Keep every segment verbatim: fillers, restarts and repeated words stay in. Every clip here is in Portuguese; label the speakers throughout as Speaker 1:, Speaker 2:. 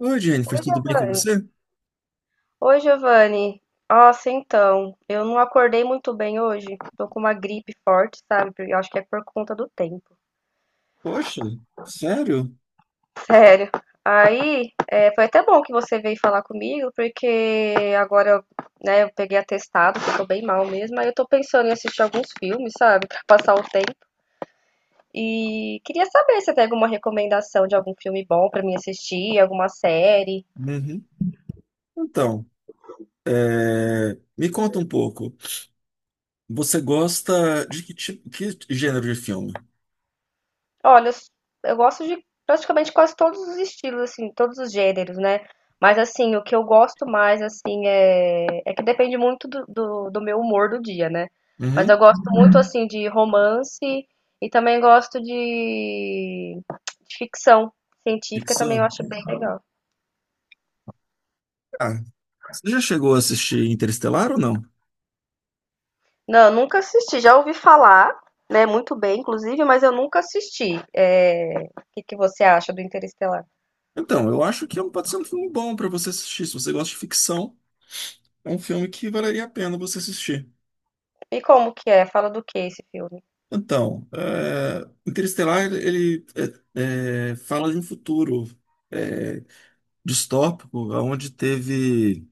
Speaker 1: Oi, Jennifer,
Speaker 2: Oi,
Speaker 1: tudo bem com
Speaker 2: Giovanni.
Speaker 1: você?
Speaker 2: Oi, Giovanni. Nossa, então, eu não acordei muito bem hoje. Tô com uma gripe forte, sabe? Porque eu acho que é por conta do tempo.
Speaker 1: Poxa, sério?
Speaker 2: Sério. Aí, é, foi até bom que você veio falar comigo, porque agora, né, eu peguei atestado, que eu tô bem mal mesmo. Aí eu tô pensando em assistir alguns filmes, sabe? Pra passar o tempo. E queria saber se tem alguma recomendação de algum filme bom pra mim assistir, alguma série.
Speaker 1: Uhum. Então, é, me conta um pouco. Você gosta de que tipo, que gênero de filme?
Speaker 2: Olha, eu s- eu gosto de praticamente quase todos os estilos, assim, todos os gêneros, né? Mas, assim, o que eu gosto mais, assim, é, é que depende muito do, do, do meu humor do dia, né? Mas eu
Speaker 1: Uhum.
Speaker 2: gosto muito, uhum, assim, de romance e também gosto de, de ficção científica, também eu
Speaker 1: Ficção?
Speaker 2: acho bem legal.
Speaker 1: Ah, você já chegou a assistir Interestelar ou não?
Speaker 2: Não, eu nunca assisti, já ouvi falar, né, muito bem, inclusive, mas eu nunca assisti. É, o que que você acha do Interestelar?
Speaker 1: Então, eu acho que é um- pode ser um filme bom para você assistir. Se você gosta de ficção, é um filme que valeria a pena você assistir.
Speaker 2: E como que é? Fala do que esse filme?
Speaker 1: Então, é, Interestelar, ele é, é, fala de um futuro é, distópico, onde teve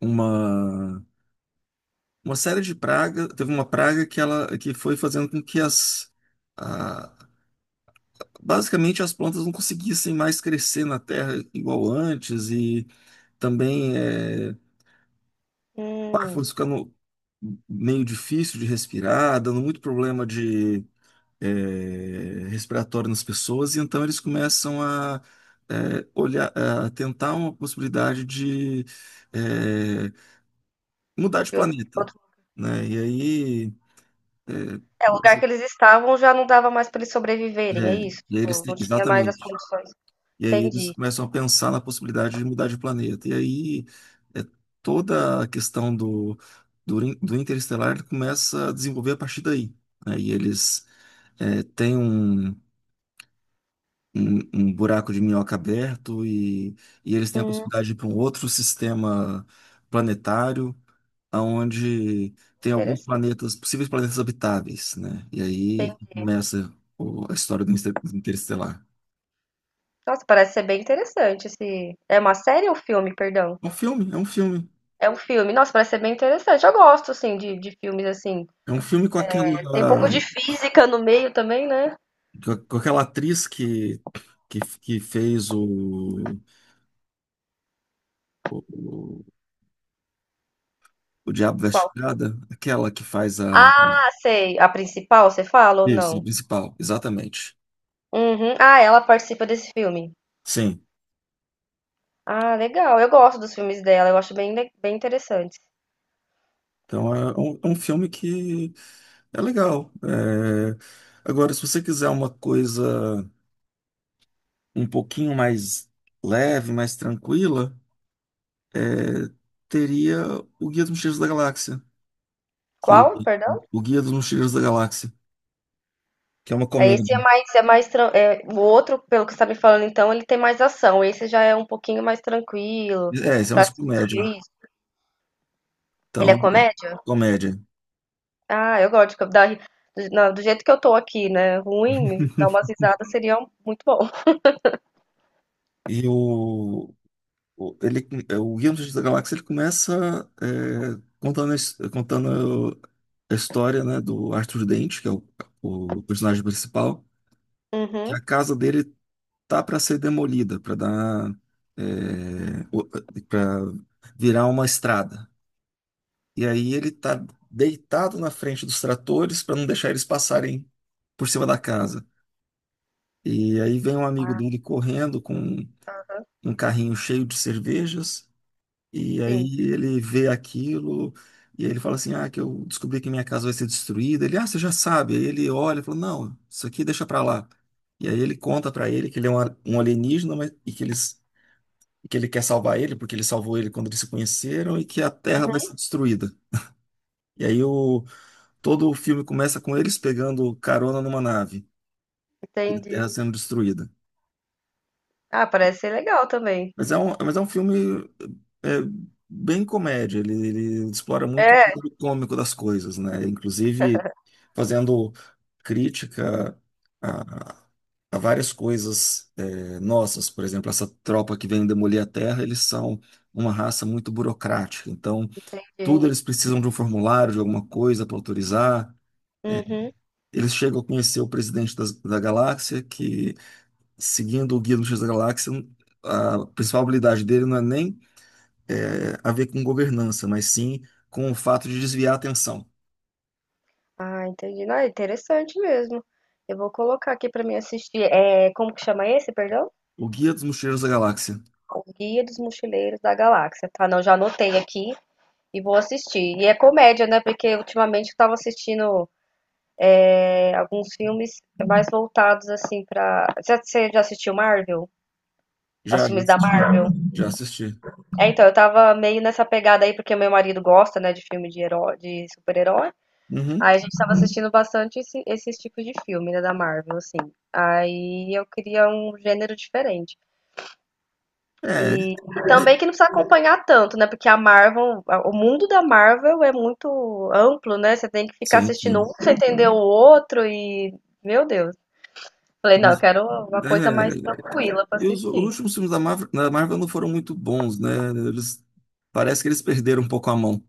Speaker 1: uma, uma série de pragas, teve uma praga que ela que foi fazendo com que as a- basicamente as plantas não conseguissem mais crescer na terra igual antes e também, é, o ar
Speaker 2: Hum.
Speaker 1: foi ficando meio difícil de respirar, dando muito problema de é, respiratório nas pessoas, e então eles começam a, é, olhar, a tentar uma possibilidade de é, mudar de
Speaker 2: de outro, de
Speaker 1: planeta,
Speaker 2: outro-
Speaker 1: né? E aí, É,
Speaker 2: É, o lugar
Speaker 1: mas-
Speaker 2: que eles estavam já não dava mais pra eles
Speaker 1: é,
Speaker 2: sobreviverem, é isso?
Speaker 1: e aí eles
Speaker 2: Tipo, não
Speaker 1: têm,
Speaker 2: tinha mais as
Speaker 1: exatamente.
Speaker 2: condições.
Speaker 1: E aí eles
Speaker 2: Entendi.
Speaker 1: começam a pensar na possibilidade de mudar de planeta. E aí, é, toda a questão do, do, in- do interestelar começa a desenvolver a partir daí. Aí eles é, têm um, um, um buraco de minhoca aberto, e, e eles têm a
Speaker 2: Hum,
Speaker 1: possibilidade de ir para um outro sistema planetário, onde tem alguns
Speaker 2: interessante.
Speaker 1: planetas, possíveis planetas habitáveis, né? E aí
Speaker 2: Entendi.
Speaker 1: começa o- a história do Inter- Interestelar.
Speaker 2: Nossa, parece ser bem interessante esse. É uma série ou filme, perdão?
Speaker 1: É um filme, é um filme.
Speaker 2: É um filme. Nossa, parece ser bem interessante. Eu gosto, assim, de, de filmes assim.
Speaker 1: É um filme com
Speaker 2: Tem um pouco de
Speaker 1: aquela,
Speaker 2: física no meio também, né?
Speaker 1: com com aquela atriz que, que, que fez o, o, o Diabo Veste
Speaker 2: Qual?
Speaker 1: Prada, aquela que faz a.
Speaker 2: Ah, sei. A principal, você fala ou
Speaker 1: Isso, a
Speaker 2: não?
Speaker 1: principal, exatamente.
Speaker 2: Uhum. Ah, ela participa desse filme.
Speaker 1: Sim.
Speaker 2: Ah, legal. Eu gosto dos filmes dela. Eu acho bem, le- bem interessante.
Speaker 1: Então é um, é um filme que é legal. É, Agora, se você quiser uma coisa um pouquinho mais leve, mais tranquila, é, teria o Guia dos Mochileiros da Galáxia, que
Speaker 2: Qual? Perdão?
Speaker 1: o Guia dos Mochileiros da Galáxia, que é uma
Speaker 2: Aí esse é
Speaker 1: comédia.
Speaker 2: mais, é mais, tran- é, o outro, pelo que você tá me falando, então, ele tem mais ação. Esse já é um pouquinho mais tranquilo
Speaker 1: É, isso é
Speaker 2: pra
Speaker 1: mais comédia.
Speaker 2: assistir. Ele
Speaker 1: Então,
Speaker 2: é
Speaker 1: é,
Speaker 2: comédia?
Speaker 1: comédia.
Speaker 2: Ah, eu gosto de co- dar, ri- do, na- do jeito que eu tô aqui, né? Ruim, dar umas risadas seria um- muito bom.
Speaker 1: E o, o- ele, o Guia dos Mochileiros da Galáxia, ele começa é, contando, a his- contando a história, né, do Arthur Dente, que é o, o personagem principal, que a
Speaker 2: Uhum,
Speaker 1: casa dele tá para ser demolida, para dar, para virar uma estrada. E aí ele tá deitado na frente dos tratores para não deixar eles passarem por cima da casa. E aí vem um amigo dele correndo com um carrinho cheio de cervejas. E
Speaker 2: sim,
Speaker 1: aí ele vê aquilo, e aí ele fala assim: "Ah, que eu descobri que minha casa vai ser destruída." Ele: "Ah, você já sabe." Aí ele olha e fala: "Não, isso aqui deixa para lá." E aí ele conta para ele que ele é um, a- um alienígena, mas- e que eles e que ele quer salvar ele, porque ele salvou ele quando eles se conheceram, e que a Terra vai ser destruída. E aí, o, todo o filme começa com eles pegando carona numa nave, e a Terra
Speaker 2: entendi.
Speaker 1: sendo destruída.
Speaker 2: Ah, parece ser legal também.
Speaker 1: Mas é um, mas é um filme é, bem comédia. ele, ele explora muito
Speaker 2: É,
Speaker 1: o lado cômico das coisas, né? Inclusive fazendo crítica a, a várias coisas é, nossas. Por exemplo, essa tropa que vem demolir a Terra, eles são uma raça muito burocrática. Então,
Speaker 2: entendi.
Speaker 1: tudo eles precisam de um formulário, de alguma coisa para autorizar.
Speaker 2: Uhum.
Speaker 1: Eles chegam a conhecer o presidente das- da galáxia, que, seguindo o Guia do Mochileiro da Galáxia, a principal habilidade dele não é nem é, a ver com governança, mas sim com o fato de desviar a atenção.
Speaker 2: Ah, entendi. Não, é interessante mesmo. Eu vou colocar aqui pra mim assistir. É, como que chama esse, perdão?
Speaker 1: O Guia dos Mochileiros da Galáxia.
Speaker 2: O Guia dos Mochileiros da Galáxia. Tá, não, já anotei aqui. E vou assistir. E é comédia, né? Porque ultimamente eu tava assistindo é, alguns filmes mais voltados assim pra. Já- Você já assistiu Marvel? Os
Speaker 1: Já, já
Speaker 2: filmes da
Speaker 1: assisti.
Speaker 2: Marvel?
Speaker 1: Já assisti.
Speaker 2: É, então, eu tava meio nessa pegada aí, porque meu marido gosta, né, de filme de herói, de super-herói.
Speaker 1: Uhum.
Speaker 2: Aí a gente tava assistindo bastante esse- esses tipos de filme, né, da Marvel, assim. Aí eu queria um gênero diferente.
Speaker 1: É,
Speaker 2: Também que não precisa acompanhar tanto, né? Porque a Marvel, a- o mundo da Marvel é muito amplo, né? Você tem que ficar
Speaker 1: sim,
Speaker 2: assistindo um
Speaker 1: sim.
Speaker 2: pra você entender o outro e, meu Deus. Falei, não, eu quero uma coisa mais
Speaker 1: É,
Speaker 2: tranquila pra
Speaker 1: e os, os
Speaker 2: assistir.
Speaker 1: últimos filmes da Marvel, da Marvel não foram muito bons, né? Eles, parece que eles perderam um pouco a mão.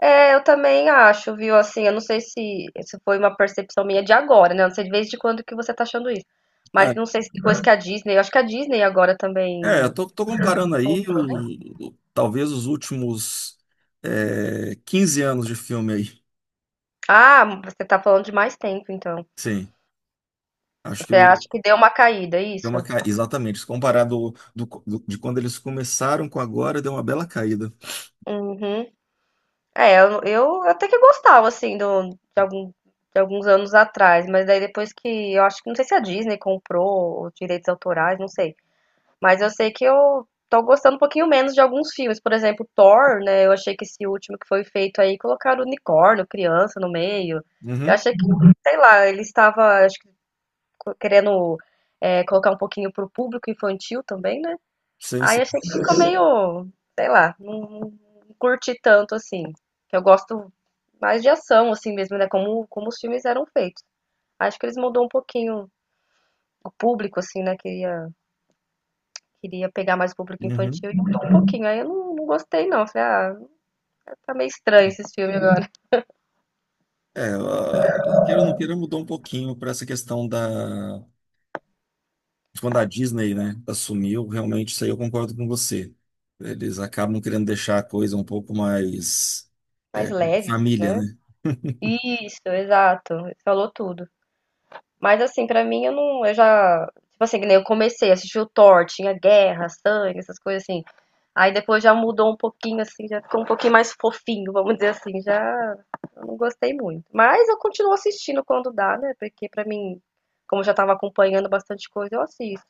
Speaker 2: É, eu também acho, viu? Assim, eu não sei se, se foi uma percepção minha de agora, né? Eu não sei de vez de quando que você tá achando isso. Mas
Speaker 1: É,
Speaker 2: não sei se depois que a Disney, eu acho que a Disney agora
Speaker 1: é, eu
Speaker 2: também.
Speaker 1: tô, tô comparando aí o, o- talvez os últimos, é, quinze anos de filme aí.
Speaker 2: Ah, você tá falando de mais tempo, então.
Speaker 1: Sim, acho que
Speaker 2: Você
Speaker 1: deu
Speaker 2: acha que deu uma caída, é isso?
Speaker 1: uma ca... exatamente, se comparar do, do- do- de quando eles começaram com agora, deu uma bela caída.
Speaker 2: Uhum. É, eu, eu até que gostava, assim, do, de, algum, de alguns anos atrás, mas daí depois que, eu acho que, não sei se a Disney comprou os direitos autorais, não sei, mas eu sei que eu tô gostando um pouquinho menos de alguns filmes, por exemplo, Thor, né, eu achei que esse último que foi feito aí, colocaram unicórnio, criança no meio, eu
Speaker 1: Uhum,
Speaker 2: achei que, sei lá, ele estava, acho que, querendo, é, colocar um pouquinho pro público infantil também, né.
Speaker 1: sim,
Speaker 2: Aí
Speaker 1: sim.
Speaker 2: achei que ficou meio, sei lá, não, não curti tanto assim. Que eu gosto mais de ação, assim mesmo, né? Como, como os filmes eram feitos. Acho que eles mudou um pouquinho o público, assim, né? Queria, queria pegar mais o público
Speaker 1: Uhum.
Speaker 2: infantil e mudou um pouquinho. Aí eu não, não gostei, não. Falei, ah, tá meio estranho esses filmes agora.
Speaker 1: É, a- queira ou não queira, mudou um pouquinho para essa questão da... de quando a Disney, né, assumiu, realmente isso aí eu concordo com você. Eles acabam querendo deixar a coisa um pouco mais, é,
Speaker 2: Mais leve, assim,
Speaker 1: família,
Speaker 2: né?
Speaker 1: né?
Speaker 2: Isso, exato. Falou tudo. Mas assim, pra mim eu não, eu já, tipo assim, que nem eu comecei a assistir o Thor, tinha guerra, sangue, essas coisas assim. Aí depois já mudou um pouquinho assim, já ficou um pouquinho mais fofinho, vamos dizer assim, já eu não gostei muito. Mas eu continuo assistindo quando dá, né? Porque pra mim, como eu já tava acompanhando bastante coisa, eu assisto.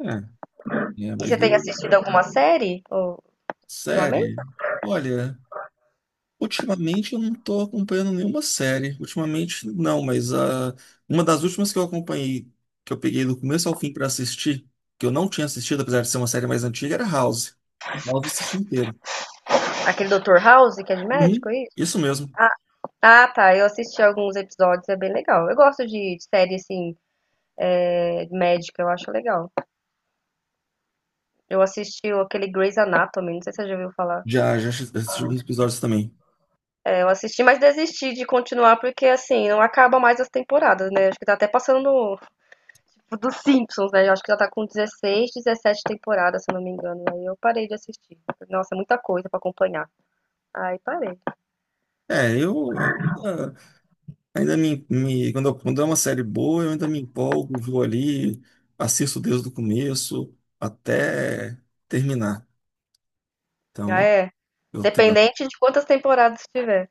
Speaker 1: É, é,
Speaker 2: E você
Speaker 1: mas
Speaker 2: tem
Speaker 1: eu,
Speaker 2: assistido alguma série ou- ultimamente?
Speaker 1: Série? Olha, ultimamente eu não tô acompanhando nenhuma série. Ultimamente não, mas ah, uma das últimas que eu acompanhei, que eu peguei do começo ao fim pra assistir, que eu não tinha assistido, apesar de ser uma série mais antiga, era House. House eu assisti inteiro.
Speaker 2: Aquele doutor House, que é de
Speaker 1: Uhum,
Speaker 2: médico, é isso?
Speaker 1: isso mesmo.
Speaker 2: Ah, ah, tá. Eu assisti alguns episódios, é bem legal. Eu gosto de, de série assim, é, médica, eu acho legal. Eu assisti aquele Grey's Anatomy, não sei se você já ouviu falar.
Speaker 1: Já, já assisti alguns episódios também.
Speaker 2: É, eu assisti, mas desisti de continuar porque, assim, não acaba mais as temporadas, né? Acho que tá até passando no- tipo, dos Simpsons, né? Eu acho que já tá com dezesseis, dezessete temporadas, se eu não me engano. Aí eu parei de assistir. Nossa, é muita coisa pra acompanhar. Aí parei.
Speaker 1: É, eu, eu ainda, ainda me, me- quando, eu- quando é uma série boa, eu ainda me empolgo, vou ali, assisto desde o começo até terminar.
Speaker 2: Ah,
Speaker 1: Então,
Speaker 2: é.
Speaker 1: eu tenho.
Speaker 2: Dependente de quantas temporadas tiver.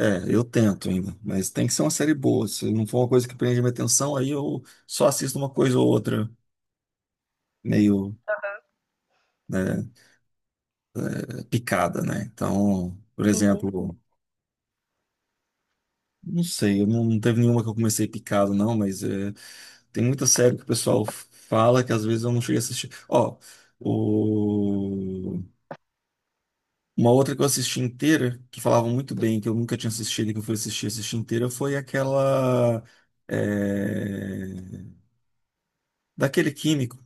Speaker 1: É, eu tento ainda, mas tem que ser uma série boa. Se não for uma coisa que prende minha atenção, aí eu só assisto uma coisa ou outra meio, né, picada, né? Então, por
Speaker 2: Uhum.
Speaker 1: exemplo, não sei, eu não, não teve nenhuma que eu comecei picado, não, mas é, tem muita série que o pessoal fala que às vezes eu não cheguei a assistir. Ó, o- uma outra que eu assisti inteira, que falavam muito bem, que eu nunca tinha assistido e que eu fui assistir, assistir inteira, foi aquela, é, daquele químico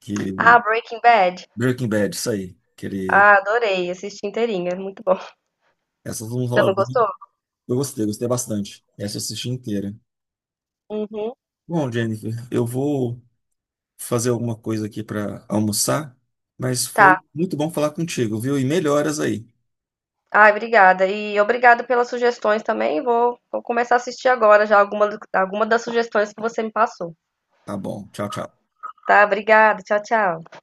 Speaker 1: que
Speaker 2: Ah, Breaking Bad.
Speaker 1: Breaking Bad, isso aí. Que ele...
Speaker 2: Ah, adorei. Assisti inteirinha. Muito bom.
Speaker 1: Essa todo mundo
Speaker 2: Você
Speaker 1: fala
Speaker 2: não
Speaker 1: bem.
Speaker 2: gostou?
Speaker 1: Eu gostei, gostei bastante. Essa eu assisti inteira.
Speaker 2: Uhum.
Speaker 1: Bom, Jennifer, eu vou fazer alguma coisa aqui para almoçar, mas foi
Speaker 2: Tá.
Speaker 1: muito bom falar contigo, viu? E melhoras aí.
Speaker 2: Ai, obrigada. E obrigado pelas sugestões também. Vou, vou começar a assistir agora já alguma, alguma das sugestões que você me passou.
Speaker 1: Tá bom. Tchau, tchau.
Speaker 2: Tá? Obrigada. Tchau, tchau.